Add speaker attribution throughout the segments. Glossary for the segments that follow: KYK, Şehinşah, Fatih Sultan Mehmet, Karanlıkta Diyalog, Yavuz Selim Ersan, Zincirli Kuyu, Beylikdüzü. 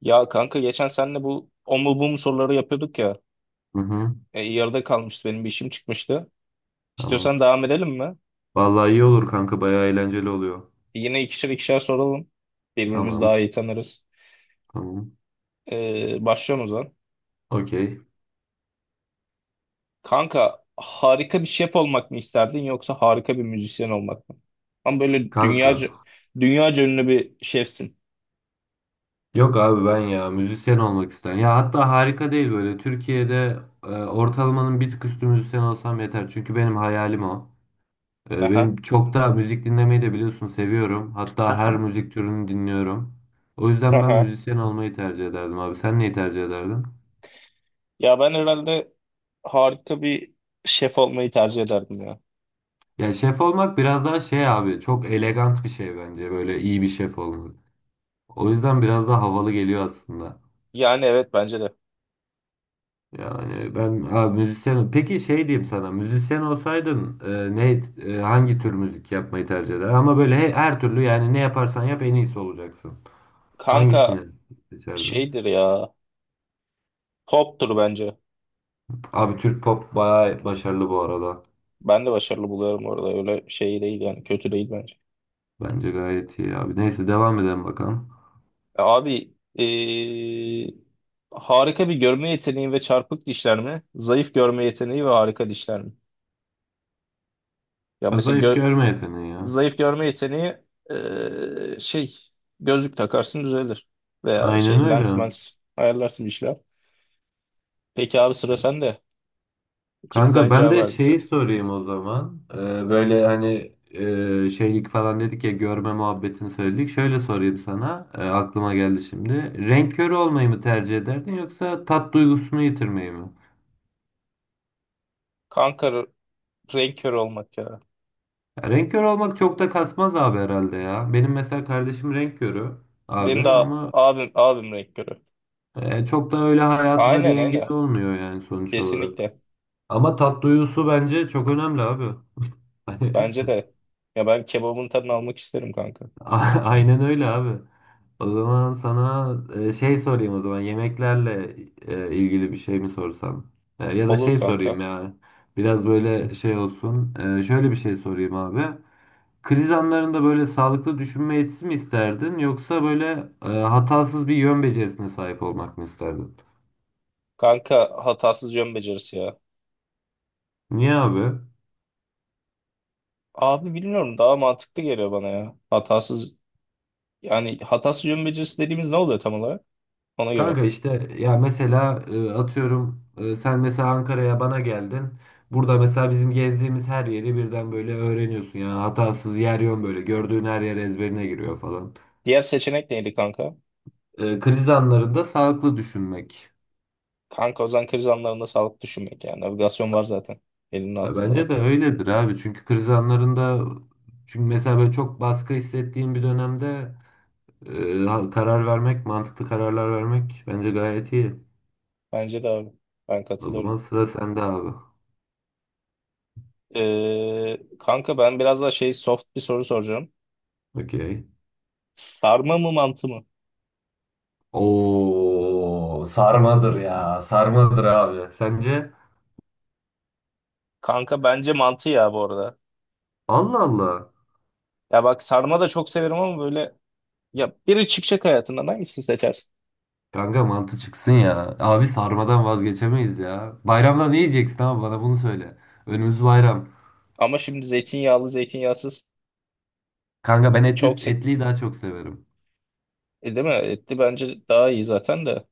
Speaker 1: Ya kanka geçen senle bu o mu bu mu soruları yapıyorduk ya.
Speaker 2: Hı hı,
Speaker 1: Yarıda kalmıştı, benim bir işim çıkmıştı.
Speaker 2: tamam.
Speaker 1: İstiyorsan devam edelim mi?
Speaker 2: Vallahi iyi olur kanka, bayağı eğlenceli oluyor.
Speaker 1: Yine ikişer ikişer soralım. Birbirimizi daha
Speaker 2: Tamam
Speaker 1: iyi tanırız.
Speaker 2: tamam.
Speaker 1: Başlıyorum o zaman.
Speaker 2: Okey.
Speaker 1: Kanka harika bir şef olmak mı isterdin yoksa harika bir müzisyen olmak mı? Ama böyle
Speaker 2: Kanka.
Speaker 1: dünyaca ünlü bir şefsin.
Speaker 2: Yok abi, ben ya müzisyen olmak isterim. Ya hatta harika değil böyle. Türkiye'de ortalamanın bir tık üstü müzisyen olsam yeter. Çünkü benim hayalim o.
Speaker 1: Aha.
Speaker 2: Benim çok da müzik dinlemeyi de biliyorsun, seviyorum. Hatta her
Speaker 1: Aha.
Speaker 2: müzik türünü dinliyorum. O yüzden ben
Speaker 1: Aha.
Speaker 2: müzisyen olmayı tercih ederdim abi. Sen neyi tercih ederdin?
Speaker 1: Ya ben herhalde harika bir şef olmayı tercih ederdim ya.
Speaker 2: Ya şef olmak biraz daha şey abi, çok elegant bir şey bence böyle iyi bir şef olmak. O yüzden biraz daha havalı geliyor aslında.
Speaker 1: Yani evet, bence de.
Speaker 2: Yani ben müzisyen. Peki şey diyeyim sana. Müzisyen olsaydın ne hangi tür müzik yapmayı tercih eder? Ama böyle her türlü, yani ne yaparsan yap, en iyisi olacaksın. Hangisini
Speaker 1: Kanka
Speaker 2: seçerdin?
Speaker 1: şeydir ya. Pop'tur bence.
Speaker 2: Abi Türk pop bayağı başarılı bu arada.
Speaker 1: Ben de başarılı buluyorum orada. Öyle şey değil yani. Kötü değil bence.
Speaker 2: Bence gayet iyi abi. Neyse devam edelim bakalım.
Speaker 1: Abi, harika bir görme yeteneği ve çarpık dişler mi? Zayıf görme yeteneği ve harika dişler mi? Ya
Speaker 2: Ha,
Speaker 1: mesela
Speaker 2: zayıf görme yeteneği ya.
Speaker 1: zayıf görme yeteneği şey, gözlük takarsın, düzelir. Veya
Speaker 2: Aynen
Speaker 1: şey, lens
Speaker 2: öyle.
Speaker 1: mens ayarlarsın bir şeyler. Peki abi, sıra sende. İkimiz de
Speaker 2: Kanka
Speaker 1: aynı
Speaker 2: ben
Speaker 1: cevabı
Speaker 2: de
Speaker 1: verdik
Speaker 2: şeyi
Speaker 1: zaten.
Speaker 2: sorayım o zaman. Böyle hani şeylik falan dedik ya, görme muhabbetini söyledik. Şöyle sorayım sana. Aklıma geldi şimdi. Renk körü olmayı mı tercih ederdin, yoksa tat duygusunu yitirmeyi mi?
Speaker 1: Kanka, renk körü olmak ya.
Speaker 2: Ya, renk körü olmak çok da kasmaz abi herhalde ya. Benim mesela kardeşim renk körü abi,
Speaker 1: Benim de
Speaker 2: ama
Speaker 1: abim renk körü.
Speaker 2: çok da öyle hayatına
Speaker 1: Aynen,
Speaker 2: bir engel
Speaker 1: aynen.
Speaker 2: olmuyor yani sonuç olarak.
Speaker 1: Kesinlikle.
Speaker 2: Ama tat duygusu bence çok önemli abi. Hani
Speaker 1: Bence de. Ya ben kebabın tadını almak isterim kanka.
Speaker 2: A- aynen öyle abi. O zaman sana şey sorayım o zaman, yemeklerle ilgili bir şey mi sorsam? Ya da
Speaker 1: Olur
Speaker 2: şey sorayım
Speaker 1: kanka.
Speaker 2: ya. Biraz böyle şey olsun. Şöyle bir şey sorayım abi. Kriz anlarında böyle sağlıklı düşünme yetisi mi isterdin, yoksa böyle hatasız bir yön becerisine sahip olmak mı isterdin?
Speaker 1: Kanka hatasız yön becerisi ya.
Speaker 2: Niye abi?
Speaker 1: Abi bilmiyorum, daha mantıklı geliyor bana ya. Yani hatasız yön becerisi dediğimiz ne oluyor tam olarak? Ona göre.
Speaker 2: Kanka işte ya mesela atıyorum sen mesela Ankara'ya bana geldin. Burada mesela bizim gezdiğimiz her yeri birden böyle öğreniyorsun. Yani hatasız yer yön, böyle gördüğün her yer ezberine giriyor falan.
Speaker 1: Diğer seçenek neydi kanka?
Speaker 2: E, kriz anlarında sağlıklı düşünmek.
Speaker 1: Kanka o zaman kriz anlarında sağlıklı düşünmek yani. Navigasyon var zaten. Elinin
Speaker 2: Ya
Speaker 1: altında
Speaker 2: bence
Speaker 1: bak.
Speaker 2: de öyledir abi. Çünkü kriz anlarında, çünkü mesela böyle çok baskı hissettiğim bir dönemde karar vermek, mantıklı kararlar vermek bence gayet iyi.
Speaker 1: Bence de abi. Ben
Speaker 2: O zaman
Speaker 1: katılıyorum.
Speaker 2: sıra sende abi.
Speaker 1: Kanka ben biraz daha şey, soft bir soru soracağım.
Speaker 2: Okey.
Speaker 1: Sarma mı mantı mı?
Speaker 2: Oo, sarmadır ya. Sarmadır abi. Sence?
Speaker 1: Kanka bence mantı ya, bu arada.
Speaker 2: Allah Allah.
Speaker 1: Ya bak, sarma da çok severim ama böyle, ya biri çıkacak hayatından, hangisini seçersin?
Speaker 2: Kanka mantı çıksın ya. Abi sarmadan vazgeçemeyiz ya. Bayramda ne yiyeceksin abi, bana bunu söyle. Önümüz bayram.
Speaker 1: Ama şimdi zeytinyağlı zeytinyağsız
Speaker 2: Kanka ben
Speaker 1: çok se
Speaker 2: etliyi daha çok severim.
Speaker 1: değil mi? Etli bence daha iyi zaten de.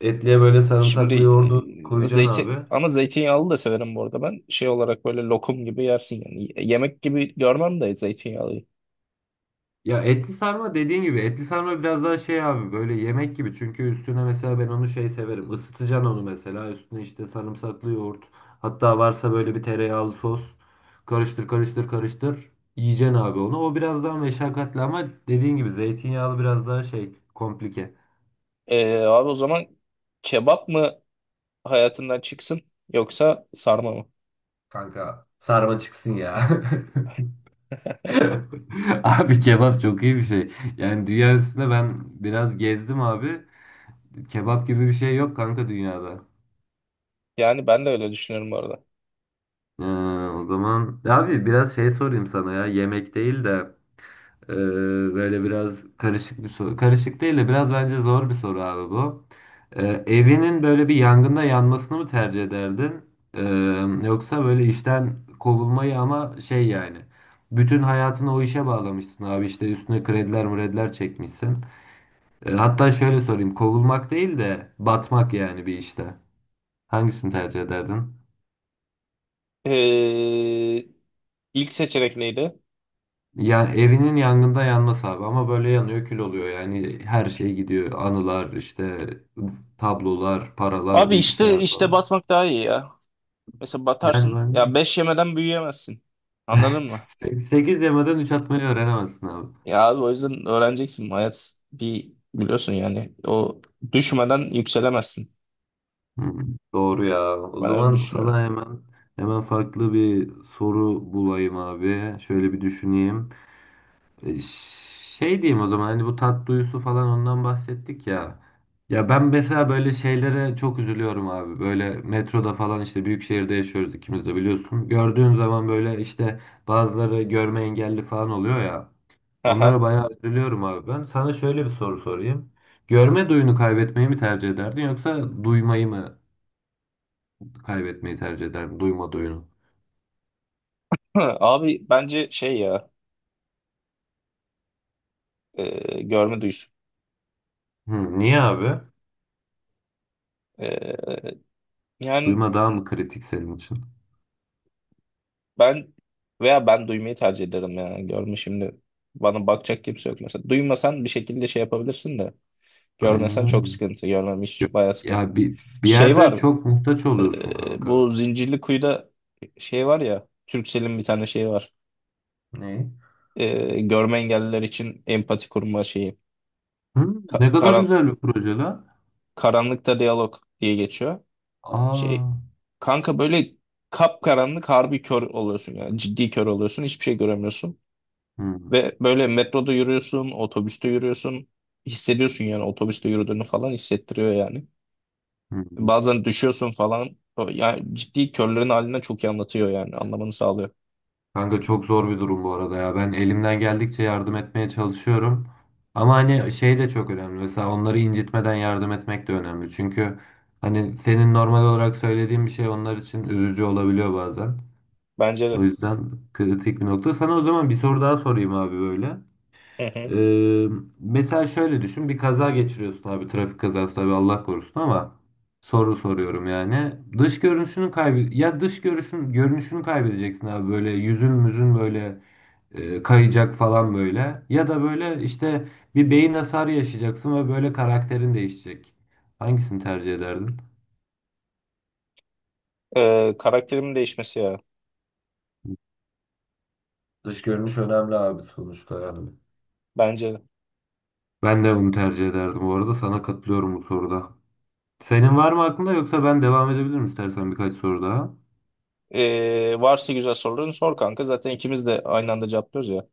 Speaker 2: Etliye böyle
Speaker 1: Şimdi
Speaker 2: sarımsaklı yoğurdu koyacaksın
Speaker 1: zeytin,
Speaker 2: abi.
Speaker 1: ama zeytinyağlı da severim bu arada ben. Şey olarak böyle lokum gibi yersin yani. Yemek gibi görmem de zeytinyağlıyı.
Speaker 2: Ya etli sarma, dediğin gibi etli sarma biraz daha şey abi, böyle yemek gibi, çünkü üstüne mesela ben onu şey severim, ısıtacaksın onu, mesela üstüne işte sarımsaklı yoğurt, hatta varsa böyle bir tereyağlı sos, karıştır karıştır karıştır yiyeceksin abi onu. O biraz daha meşakkatli, ama dediğin gibi zeytinyağlı biraz daha şey, komplike.
Speaker 1: Abi, o zaman kebap mı hayatından çıksın yoksa sarma mı?
Speaker 2: Kanka sarma çıksın ya. Abi kebap çok iyi bir şey. Yani dünya üstünde ben biraz gezdim abi. Kebap gibi bir şey yok kanka dünyada.
Speaker 1: Yani ben de öyle düşünüyorum bu arada.
Speaker 2: Ee, o zaman ya abi biraz şey sorayım sana, ya yemek değil de e, böyle biraz karışık bir soru. Karışık değil de biraz bence zor bir soru abi bu. Evinin böyle bir yangında yanmasını mı tercih ederdin? Ee, Yoksa böyle işten kovulmayı, ama şey yani bütün hayatını o işe bağlamışsın abi, işte üstüne krediler mrediler çekmişsin. Hatta şöyle sorayım, kovulmak değil de batmak yani bir işte. Hangisini tercih ederdin?
Speaker 1: E, ilk seçenek neydi?
Speaker 2: Ya evinin yangında yanmaz abi, ama böyle yanıyor, kül oluyor, yani her şey gidiyor, anılar, işte tablolar, paralar,
Speaker 1: Abi işte
Speaker 2: bilgisayar
Speaker 1: işte
Speaker 2: falan.
Speaker 1: batmak daha iyi ya. Mesela
Speaker 2: Yani
Speaker 1: batarsın.
Speaker 2: ben
Speaker 1: Ya 5 yemeden büyüyemezsin. Anladın mı?
Speaker 2: 8 yemeden 3 atmayı öğrenemezsin abi.
Speaker 1: Ya abi, o yüzden öğreneceksin. Hayat bir biliyorsun yani. O düşmeden yükselemezsin.
Speaker 2: Hmm, doğru ya. O
Speaker 1: Ben öyle
Speaker 2: zaman
Speaker 1: düşünüyorum.
Speaker 2: sana hemen farklı bir soru bulayım abi. Şöyle bir düşüneyim. E, Şey diyeyim o zaman, hani bu tat duyusu falan, ondan bahsettik ya. Ya ben mesela böyle şeylere çok üzülüyorum abi. Böyle metroda falan, işte büyük şehirde yaşıyoruz ikimiz de biliyorsun. Gördüğün zaman böyle işte bazıları görme engelli falan oluyor ya. Onlara
Speaker 1: Aha.
Speaker 2: bayağı üzülüyorum abi ben. Sana şöyle bir soru sorayım. Görme duyunu kaybetmeyi mi tercih ederdin, yoksa duymayı mı kaybetmeyi tercih ederdin? Duyma duyunu.
Speaker 1: Hı, Abi bence şey ya, görme duyusu.
Speaker 2: Hı, niye abi?
Speaker 1: E, yani
Speaker 2: Duyma daha mı kritik senin için?
Speaker 1: ben veya ben duymayı tercih ederim ya. Görme şimdi bana bakacak kimse yok mesela. Duymasan bir şekilde şey yapabilirsin de,
Speaker 2: Aynen
Speaker 1: görmesen çok
Speaker 2: öyle.
Speaker 1: sıkıntı. Görmem hiç, bayağı sıkıntı.
Speaker 2: Ya bir
Speaker 1: Şey
Speaker 2: yerde
Speaker 1: var.
Speaker 2: çok muhtaç oluyorsun kanka.
Speaker 1: Bu Zincirli Kuyu'da şey var ya, Turkcell'in bir tane şeyi var.
Speaker 2: Ne?
Speaker 1: Görme engelliler için empati kurma şeyi.
Speaker 2: Hı,
Speaker 1: Ka-
Speaker 2: ne kadar
Speaker 1: karan
Speaker 2: güzel bir proje lan.
Speaker 1: Karanlıkta diyalog diye geçiyor. Şey
Speaker 2: Aa.
Speaker 1: kanka, böyle kapkaranlık, harbi kör oluyorsun yani, ciddi kör oluyorsun, hiçbir şey göremiyorsun.
Speaker 2: Hı,
Speaker 1: Ve böyle metroda yürüyorsun, otobüste yürüyorsun. Hissediyorsun yani, otobüste yürüdüğünü falan hissettiriyor yani.
Speaker 2: hı.
Speaker 1: Bazen düşüyorsun falan. Yani ciddi, körlerin haline çok iyi anlatıyor yani, anlamanı sağlıyor.
Speaker 2: Kanka çok zor bir durum bu arada ya. Ben elimden geldikçe yardım etmeye çalışıyorum. Ama hani şey de çok önemli. Mesela onları incitmeden yardım etmek de önemli. Çünkü hani senin normal olarak söylediğin bir şey onlar için üzücü olabiliyor bazen.
Speaker 1: Bence
Speaker 2: O
Speaker 1: de.
Speaker 2: yüzden kritik bir nokta. Sana o zaman bir soru daha sorayım abi böyle.
Speaker 1: Hı hı.
Speaker 2: Ee, mesela şöyle düşün, bir kaza geçiriyorsun abi, trafik kazası tabii Allah korusun, ama soru soruyorum yani, dış görünüşünü kaybı ya dış görünüşün görünüşünü kaybedeceksin abi, böyle yüzün müzün böyle kayacak falan, böyle ya da böyle işte bir beyin hasarı yaşayacaksın ve böyle karakterin değişecek. Hangisini tercih ederdin?
Speaker 1: Karakterimin değişmesi ya.
Speaker 2: Dış görünüş önemli abi sonuçta yani.
Speaker 1: Bence.
Speaker 2: Ben de bunu tercih ederdim bu arada, sana katılıyorum bu soruda. Senin var mı aklında, yoksa ben devam edebilirim istersen birkaç soru daha.
Speaker 1: Varsa güzel soruların sor kanka. Zaten ikimiz de aynı anda cevaplıyoruz ya.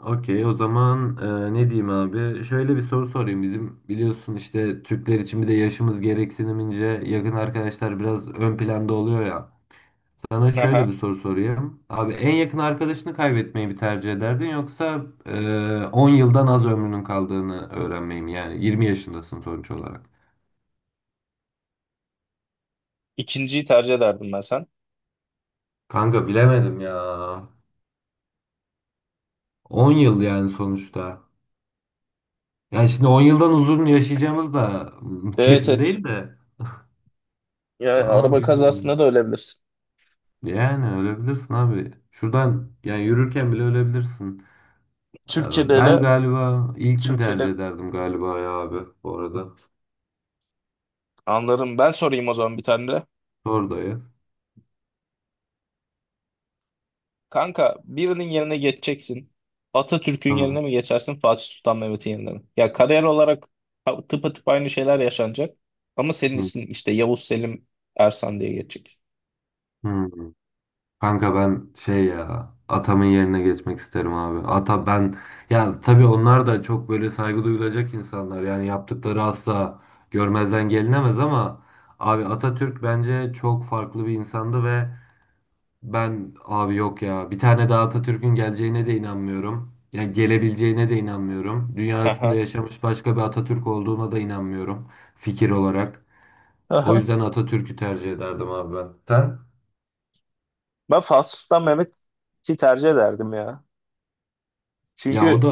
Speaker 2: Okey, o zaman ne diyeyim abi? Şöyle bir soru sorayım. Bizim biliyorsun işte Türkler için bir de yaşımız gereksinimince yakın arkadaşlar biraz ön planda oluyor ya. Sana şöyle bir
Speaker 1: Aha.
Speaker 2: soru sorayım. Abi en yakın arkadaşını kaybetmeyi mi tercih ederdin, yoksa 10 yıldan az ömrünün kaldığını öğrenmeyi mi? Yani 20 yaşındasın sonuç olarak.
Speaker 1: İkinciyi tercih ederdim ben, sen?
Speaker 2: Kanka bilemedim ya. 10 yıl yani sonuçta. Yani şimdi 10 yıldan uzun yaşayacağımız da
Speaker 1: Evet,
Speaker 2: kesin
Speaker 1: evet.
Speaker 2: değil de.
Speaker 1: Ya
Speaker 2: Ama
Speaker 1: araba kazasında
Speaker 2: bilmiyorum.
Speaker 1: da ölebilirsin.
Speaker 2: Yani ölebilirsin abi. Şuradan yani yürürken bile ölebilirsin.
Speaker 1: Türkiye'de
Speaker 2: Ben
Speaker 1: hele,
Speaker 2: galiba ilkini tercih
Speaker 1: Türkiye'de
Speaker 2: ederdim galiba ya abi bu arada.
Speaker 1: anlarım. Ben sorayım o zaman bir tane de.
Speaker 2: Sor dayı.
Speaker 1: Kanka birinin yerine geçeceksin. Atatürk'ün yerine
Speaker 2: Tamam.
Speaker 1: mi geçersin, Fatih Sultan Mehmet'in yerine mi? Ya kariyer olarak tıpatıp aynı şeyler yaşanacak. Ama senin
Speaker 2: Hı.
Speaker 1: ismin işte Yavuz Selim Ersan diye geçecek.
Speaker 2: Hı. Kanka ben şey ya, atamın yerine geçmek isterim abi. Ata ben, ya tabii onlar da çok böyle saygı duyulacak insanlar. Yani yaptıkları asla görmezden gelinemez, ama abi Atatürk bence çok farklı bir insandı ve ben abi yok ya. Bir tane daha Atatürk'ün geleceğine de inanmıyorum. Ya gelebileceğine de inanmıyorum. Dünya üstünde
Speaker 1: Aha.
Speaker 2: yaşamış başka bir Atatürk olduğuna da inanmıyorum, fikir olarak. O yüzden Atatürk'ü tercih ederdim abi ben. Sen?
Speaker 1: Ben Fatih Sultan Mehmet'i tercih ederdim ya.
Speaker 2: Ya o da
Speaker 1: Çünkü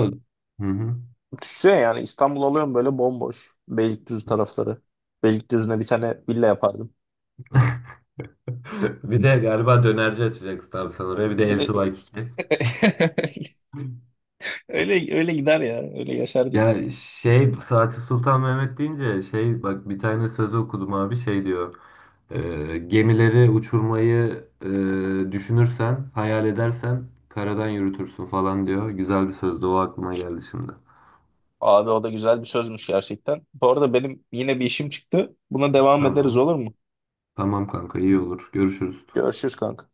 Speaker 2: hı hı.
Speaker 1: düşünsene yani, İstanbul alıyorum böyle bomboş. Beylikdüzü tarafları. Beylikdüzü'ne bir tane villa yapardım.
Speaker 2: Bir de galiba dönerci açacaksın abi sen oraya. Bir de
Speaker 1: Bir
Speaker 2: El
Speaker 1: de
Speaker 2: Subaykiki.
Speaker 1: öyle öyle gider ya. Öyle yaşardık.
Speaker 2: Ya şey Saati Sultan Mehmet deyince şey, bak bir tane sözü okudum abi, şey diyor. Gemileri uçurmayı düşünürsen, hayal edersen karadan yürütürsün" falan diyor. Güzel bir sözdü, o aklıma geldi şimdi.
Speaker 1: Abi o da güzel bir sözmüş gerçekten. Bu arada benim yine bir işim çıktı. Buna devam ederiz,
Speaker 2: Tamam.
Speaker 1: olur mu?
Speaker 2: Tamam kanka, iyi olur. Görüşürüz.
Speaker 1: Görüşürüz kanka.